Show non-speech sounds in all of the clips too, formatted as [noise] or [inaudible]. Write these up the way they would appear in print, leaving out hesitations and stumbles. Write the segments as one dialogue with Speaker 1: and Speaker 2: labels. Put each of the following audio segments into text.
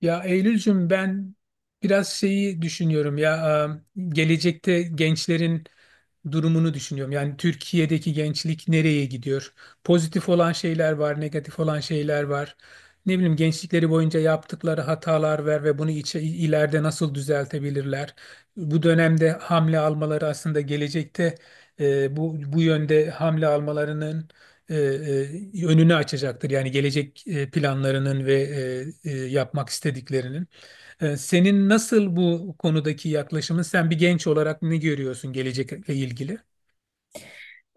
Speaker 1: Ya Eylülcüm ben biraz şeyi düşünüyorum ya. Gelecekte gençlerin durumunu düşünüyorum. Yani Türkiye'deki gençlik nereye gidiyor? Pozitif olan şeyler var, negatif olan şeyler var. Ne bileyim, gençlikleri boyunca yaptıkları hatalar var ve bunu ileride nasıl düzeltebilirler? Bu dönemde hamle almaları aslında gelecekte bu yönde hamle almalarının e, önünü açacaktır. Yani gelecek planlarının ve yapmak istediklerinin. E, senin nasıl bu konudaki yaklaşımın? Sen bir genç olarak ne görüyorsun gelecekle ilgili?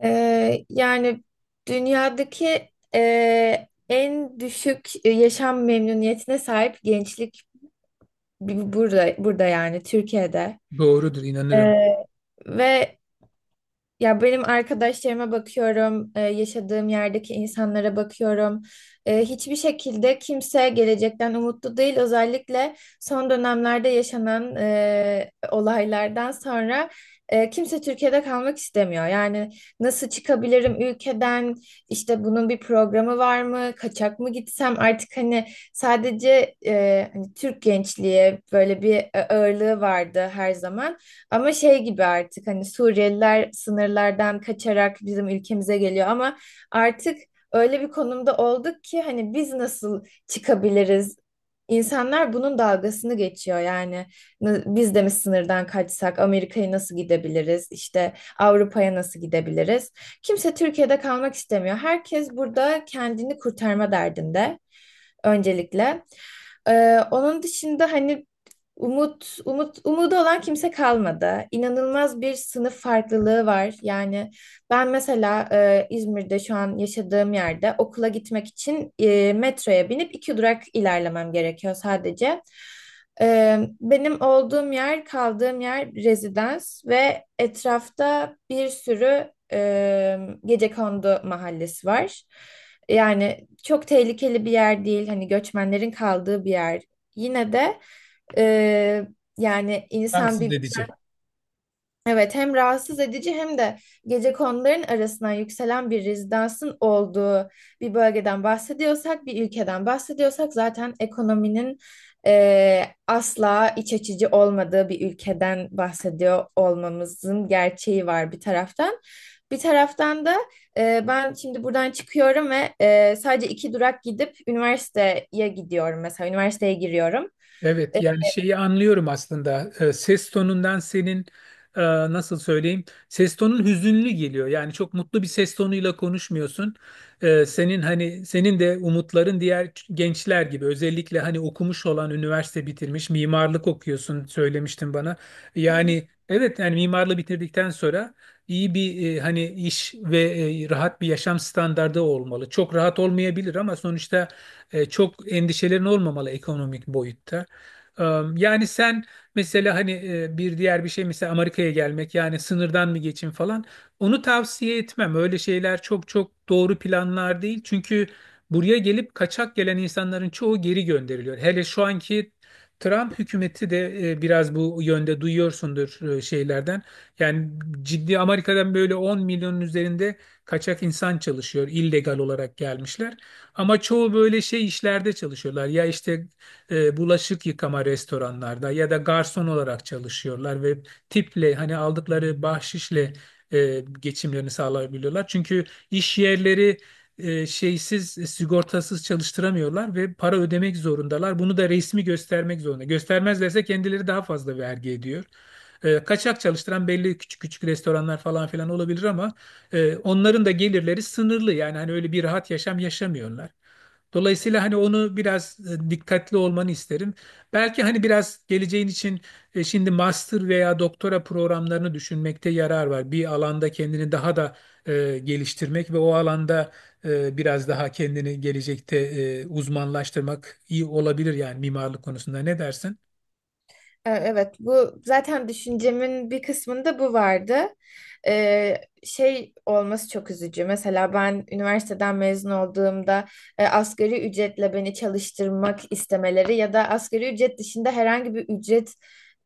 Speaker 2: Yani dünyadaki en düşük yaşam memnuniyetine sahip gençlik burada yani Türkiye'de.
Speaker 1: Doğrudur,
Speaker 2: Ee,
Speaker 1: inanırım.
Speaker 2: ve ya benim arkadaşlarıma bakıyorum, yaşadığım yerdeki insanlara bakıyorum. Hiçbir şekilde kimse gelecekten umutlu değil. Özellikle son dönemlerde yaşanan olaylardan sonra kimse Türkiye'de kalmak istemiyor. Yani nasıl çıkabilirim ülkeden? İşte bunun bir programı var mı? Kaçak mı gitsem? Artık hani sadece hani Türk gençliğe böyle bir ağırlığı vardı her zaman. Ama şey gibi artık hani Suriyeliler sınırlardan kaçarak bizim ülkemize geliyor ama artık öyle bir konumda olduk ki hani biz nasıl çıkabiliriz? İnsanlar bunun dalgasını geçiyor yani. Biz de mi sınırdan kaçsak Amerika'ya nasıl gidebiliriz? İşte Avrupa'ya nasıl gidebiliriz? Kimse Türkiye'de kalmak istemiyor. Herkes burada kendini kurtarma derdinde öncelikle. Onun dışında hani umut umut umudu olan kimse kalmadı. İnanılmaz bir sınıf farklılığı var. Yani ben mesela İzmir'de şu an yaşadığım yerde okula gitmek için metroya binip iki durak ilerlemem gerekiyor sadece. Benim olduğum yer, kaldığım yer rezidans ve etrafta bir sürü gecekondu mahallesi var. Yani çok tehlikeli bir yer değil, hani göçmenlerin kaldığı bir yer. Yine de e, yani insan
Speaker 1: Rahatsız
Speaker 2: bir...
Speaker 1: edici.
Speaker 2: Evet, hem rahatsız edici hem de gecekonduların arasından yükselen bir rezidansın olduğu bir bölgeden bahsediyorsak, bir ülkeden bahsediyorsak zaten ekonominin asla iç açıcı olmadığı bir ülkeden bahsediyor olmamızın gerçeği var bir taraftan. Bir taraftan da ben şimdi buradan çıkıyorum ve sadece iki durak gidip üniversiteye gidiyorum mesela üniversiteye giriyorum.
Speaker 1: Evet yani şeyi anlıyorum aslında. Ses tonundan senin, nasıl söyleyeyim, ses tonun hüzünlü geliyor, yani çok mutlu bir ses tonuyla konuşmuyorsun. Senin hani, senin de umutların diğer gençler gibi, özellikle hani okumuş olan, üniversite bitirmiş, mimarlık okuyorsun, söylemiştin bana. Yani evet, yani mimarlığı bitirdikten sonra iyi bir hani iş ve rahat bir yaşam standardı olmalı, çok rahat olmayabilir ama sonuçta çok endişelerin olmamalı ekonomik boyutta. Ee, Yani sen mesela hani, bir diğer bir şey mesela Amerika'ya gelmek, yani sınırdan mı geçin falan, onu tavsiye etmem. Öyle şeyler çok çok doğru planlar değil. Çünkü buraya gelip kaçak gelen insanların çoğu geri gönderiliyor. Hele şu anki Trump hükümeti de biraz bu yönde duyuyorsundur şeylerden. Yani ciddi, Amerika'dan böyle 10 milyonun üzerinde kaçak insan çalışıyor. Illegal olarak gelmişler. Ama çoğu böyle şey işlerde çalışıyorlar. Ya işte bulaşık yıkama, restoranlarda ya da garson olarak çalışıyorlar ve tiple hani aldıkları bahşişle geçimlerini sağlayabiliyorlar. Çünkü iş yerleri şeysiz, sigortasız çalıştıramıyorlar ve para ödemek zorundalar. Bunu da resmi göstermek zorunda. Göstermezlerse kendileri daha fazla vergi ediyor. Kaçak çalıştıran belli küçük küçük restoranlar falan filan olabilir ama onların da gelirleri sınırlı. Yani hani öyle bir rahat yaşam yaşamıyorlar. Dolayısıyla hani onu biraz, dikkatli olmanı isterim. Belki hani biraz geleceğin için şimdi master veya doktora programlarını düşünmekte yarar var. Bir alanda kendini daha da geliştirmek ve o alanda biraz daha kendini gelecekte uzmanlaştırmak iyi olabilir, yani mimarlık konusunda. Ne dersin?
Speaker 2: Evet, bu zaten düşüncemin bir kısmında bu vardı. E, şey olması çok üzücü. Mesela ben üniversiteden mezun olduğumda asgari ücretle beni çalıştırmak istemeleri ya da asgari ücret dışında herhangi bir ücret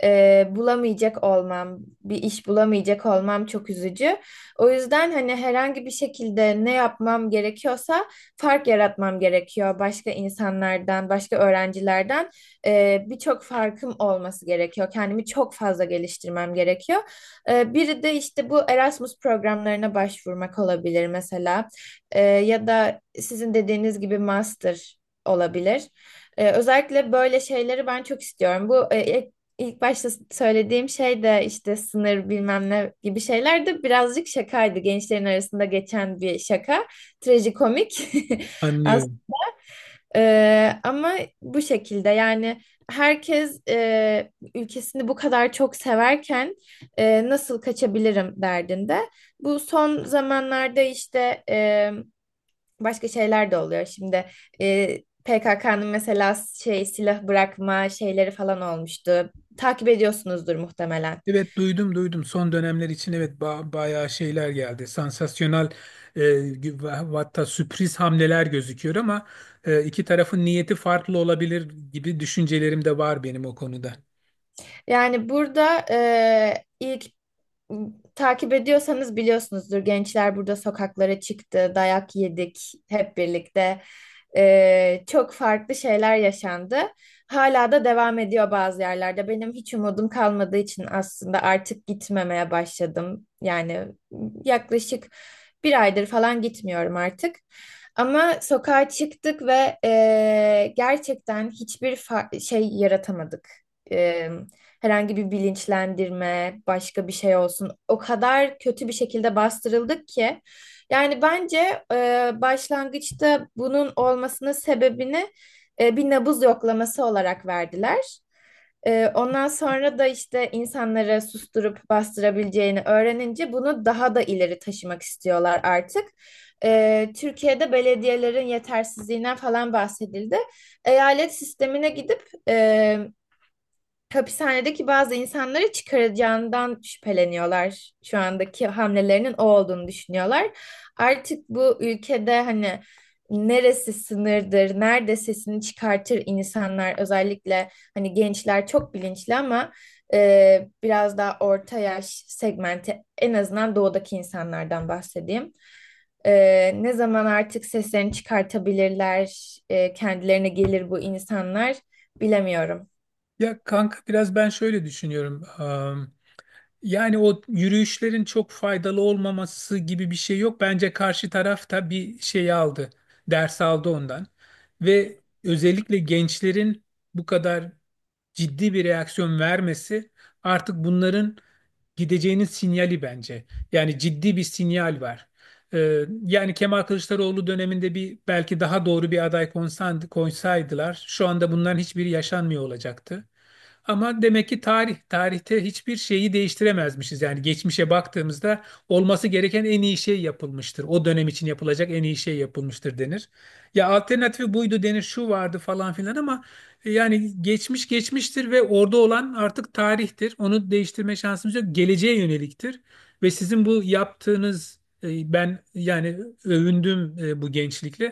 Speaker 2: bulamayacak olmam, bir iş bulamayacak olmam çok üzücü. O yüzden hani herhangi bir şekilde ne yapmam gerekiyorsa fark yaratmam gerekiyor başka insanlardan, başka öğrencilerden birçok farkım olması gerekiyor. Kendimi çok fazla geliştirmem gerekiyor. Biri de işte bu Erasmus programlarına başvurmak olabilir mesela. Ya da sizin dediğiniz gibi master olabilir. Özellikle böyle şeyleri ben çok istiyorum. Bu ilk başta söylediğim şey de işte sınır bilmem ne gibi şeyler de birazcık şakaydı. Gençlerin arasında geçen bir şaka. Trajikomik. [laughs]
Speaker 1: Anlıyorum.
Speaker 2: Ama bu şekilde yani herkes ülkesini bu kadar çok severken nasıl kaçabilirim derdinde. Bu son zamanlarda işte başka şeyler de oluyor. Şimdi e, PKK'nın mesela şey silah bırakma şeyleri falan olmuştu. Takip ediyorsunuzdur muhtemelen.
Speaker 1: Evet, duydum duydum, son dönemler için evet, bayağı şeyler geldi, sansasyonel ve hatta sürpriz hamleler gözüküyor ama iki tarafın niyeti farklı olabilir gibi düşüncelerim de var benim o konuda.
Speaker 2: Yani burada ilk. Takip ediyorsanız biliyorsunuzdur. Gençler burada sokaklara çıktı, dayak yedik hep birlikte. Çok farklı şeyler yaşandı. Hala da devam ediyor bazı yerlerde. Benim hiç umudum kalmadığı için aslında artık gitmemeye başladım. Yani yaklaşık bir aydır falan gitmiyorum artık. Ama sokağa çıktık ve gerçekten hiçbir şey yaratamadık. Ee, herhangi bir bilinçlendirme, başka bir şey olsun. O kadar kötü bir şekilde bastırıldık ki. Yani bence başlangıçta bunun olmasının sebebini bir nabız yoklaması olarak verdiler. Ondan sonra da işte insanları susturup bastırabileceğini öğrenince bunu daha da ileri taşımak istiyorlar artık. Türkiye'de belediyelerin yetersizliğinden falan bahsedildi. Eyalet sistemine gidip e, hapishanedeki bazı insanları çıkaracağından şüpheleniyorlar. Şu andaki hamlelerinin o olduğunu düşünüyorlar. Artık bu ülkede hani neresi sınırdır, nerede sesini çıkartır insanlar, özellikle hani gençler çok bilinçli ama biraz daha orta yaş segmenti, en azından doğudaki insanlardan bahsedeyim. Ne zaman artık seslerini çıkartabilirler, kendilerine gelir bu insanlar, bilemiyorum.
Speaker 1: Ya kanka, biraz ben şöyle düşünüyorum. Yani o yürüyüşlerin çok faydalı olmaması gibi bir şey yok, bence karşı taraf da bir şey aldı, ders aldı ondan. Ve özellikle gençlerin bu kadar ciddi bir reaksiyon vermesi artık bunların gideceğinin sinyali bence. Yani ciddi bir sinyal var. Yani Kemal Kılıçdaroğlu döneminde bir belki daha doğru bir aday koysaydılar şu anda bunların hiçbiri yaşanmıyor olacaktı. Ama demek ki tarihte hiçbir şeyi değiştiremezmişiz. Yani geçmişe baktığımızda olması gereken en iyi şey yapılmıştır. O dönem için yapılacak en iyi şey yapılmıştır denir. Ya alternatifi buydu denir, şu vardı falan filan ama yani geçmiş geçmiştir ve orada olan artık tarihtir. Onu değiştirme şansımız yok. Geleceğe yöneliktir. Ve sizin bu yaptığınız, ben yani övündüm bu gençlikle.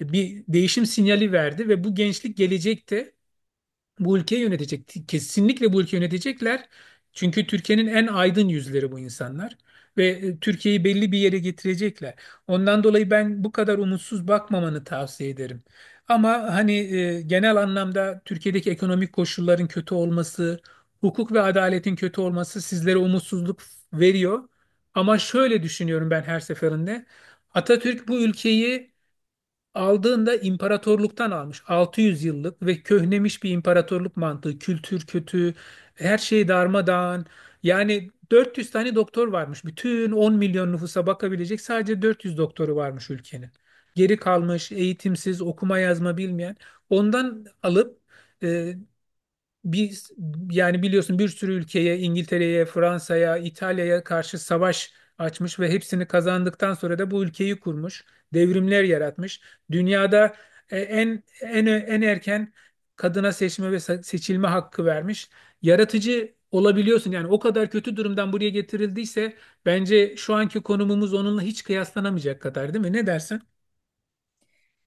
Speaker 1: E, bir değişim sinyali verdi ve bu gençlik gelecekte bu ülkeyi yönetecek. Kesinlikle bu ülkeyi yönetecekler. Çünkü Türkiye'nin en aydın yüzleri bu insanlar. Ve Türkiye'yi belli bir yere getirecekler. Ondan dolayı ben bu kadar umutsuz bakmamanı tavsiye ederim. Ama hani genel anlamda Türkiye'deki ekonomik koşulların kötü olması, hukuk ve adaletin kötü olması sizlere umutsuzluk veriyor. Ama şöyle düşünüyorum ben her seferinde. Atatürk bu ülkeyi aldığında imparatorluktan almış. 600 yıllık ve köhnemiş bir imparatorluk mantığı. Kültür kötü, her şey darmadağın. Yani 400 tane doktor varmış. Bütün 10 milyon nüfusa bakabilecek sadece 400 doktoru varmış ülkenin. Geri kalmış, eğitimsiz, okuma yazma bilmeyen. Ondan alıp, e, bir yani biliyorsun, bir sürü ülkeye, İngiltere'ye, Fransa'ya, İtalya'ya karşı savaş açmış ve hepsini kazandıktan sonra da bu ülkeyi kurmuş, devrimler yaratmış. Dünyada en erken kadına seçme ve seçilme hakkı vermiş. Yaratıcı olabiliyorsun, yani o kadar kötü durumdan buraya getirildiyse bence şu anki konumumuz onunla hiç kıyaslanamayacak kadar, değil mi? Ne dersin?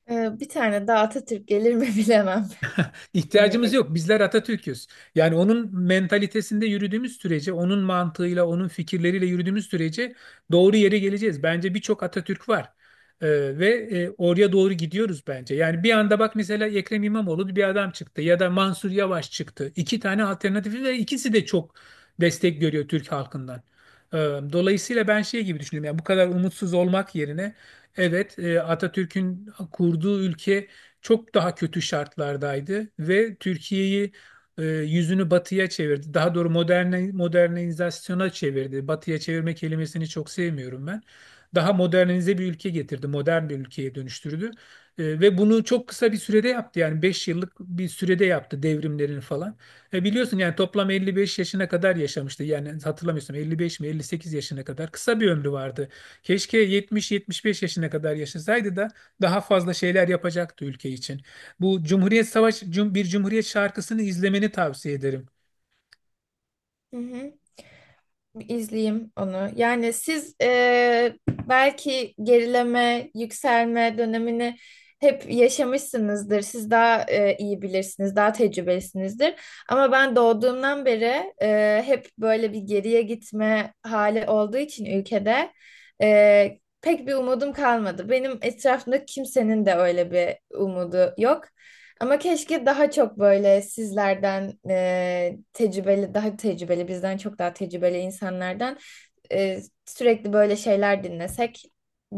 Speaker 2: Bir tane daha Atatürk gelir mi [laughs] bilemem.
Speaker 1: İhtiyacımız
Speaker 2: Bilemiyorum.
Speaker 1: yok. Bizler Atatürk'üz. Yani onun mentalitesinde yürüdüğümüz sürece, onun mantığıyla, onun fikirleriyle yürüdüğümüz sürece doğru yere geleceğiz. Bence birçok Atatürk var. Ee, Ve oraya doğru gidiyoruz bence. Yani bir anda bak, mesela Ekrem İmamoğlu bir adam çıktı ya da Mansur Yavaş çıktı. İki tane alternatifi ve ikisi de çok destek görüyor Türk halkından. Ee, Dolayısıyla ben şey gibi düşünüyorum. Yani bu kadar umutsuz olmak yerine, evet, Atatürk'ün kurduğu ülke çok daha kötü şartlardaydı ve Türkiye'yi, yüzünü batıya çevirdi. Daha doğru moderne, modernizasyona çevirdi. Batıya çevirme kelimesini çok sevmiyorum ben. Daha modernize bir ülke getirdi, modern bir ülkeye dönüştürdü. Ve bunu çok kısa bir sürede yaptı. Yani 5 yıllık bir sürede yaptı devrimlerini falan. Biliyorsun yani, toplam 55 yaşına kadar yaşamıştı. Yani hatırlamıyorsam 55 mi 58 yaşına kadar, kısa bir ömrü vardı. Keşke 70-75 yaşına kadar yaşasaydı da daha fazla şeyler yapacaktı ülke için. Bu Cumhuriyet Savaşı, bir Cumhuriyet şarkısını izlemeni tavsiye ederim.
Speaker 2: Hı hı. Bir izleyeyim onu. Yani siz belki gerileme, yükselme dönemini hep yaşamışsınızdır. Siz daha iyi bilirsiniz, daha tecrübelisinizdir. Ama ben doğduğumdan beri hep böyle bir geriye gitme hali olduğu için ülkede pek bir umudum kalmadı. Benim etrafımda kimsenin de öyle bir umudu yok. Ama keşke daha çok böyle sizlerden tecrübeli, daha tecrübeli, bizden çok daha tecrübeli insanlardan sürekli böyle şeyler dinlesek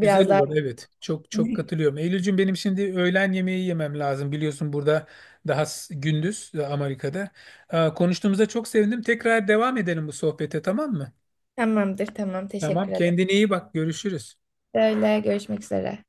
Speaker 1: Güzel
Speaker 2: daha...
Speaker 1: olur, evet. Çok çok
Speaker 2: [laughs]
Speaker 1: katılıyorum. Eylülcüm benim, şimdi öğlen yemeği yemem lazım. Biliyorsun burada daha gündüz, Amerika'da. Konuştuğumuza çok sevindim. Tekrar devam edelim bu sohbete, tamam mı?
Speaker 2: Tamamdır, tamam.
Speaker 1: Tamam.
Speaker 2: Teşekkür ederim.
Speaker 1: Kendine iyi bak. Görüşürüz.
Speaker 2: Öyle, görüşmek üzere.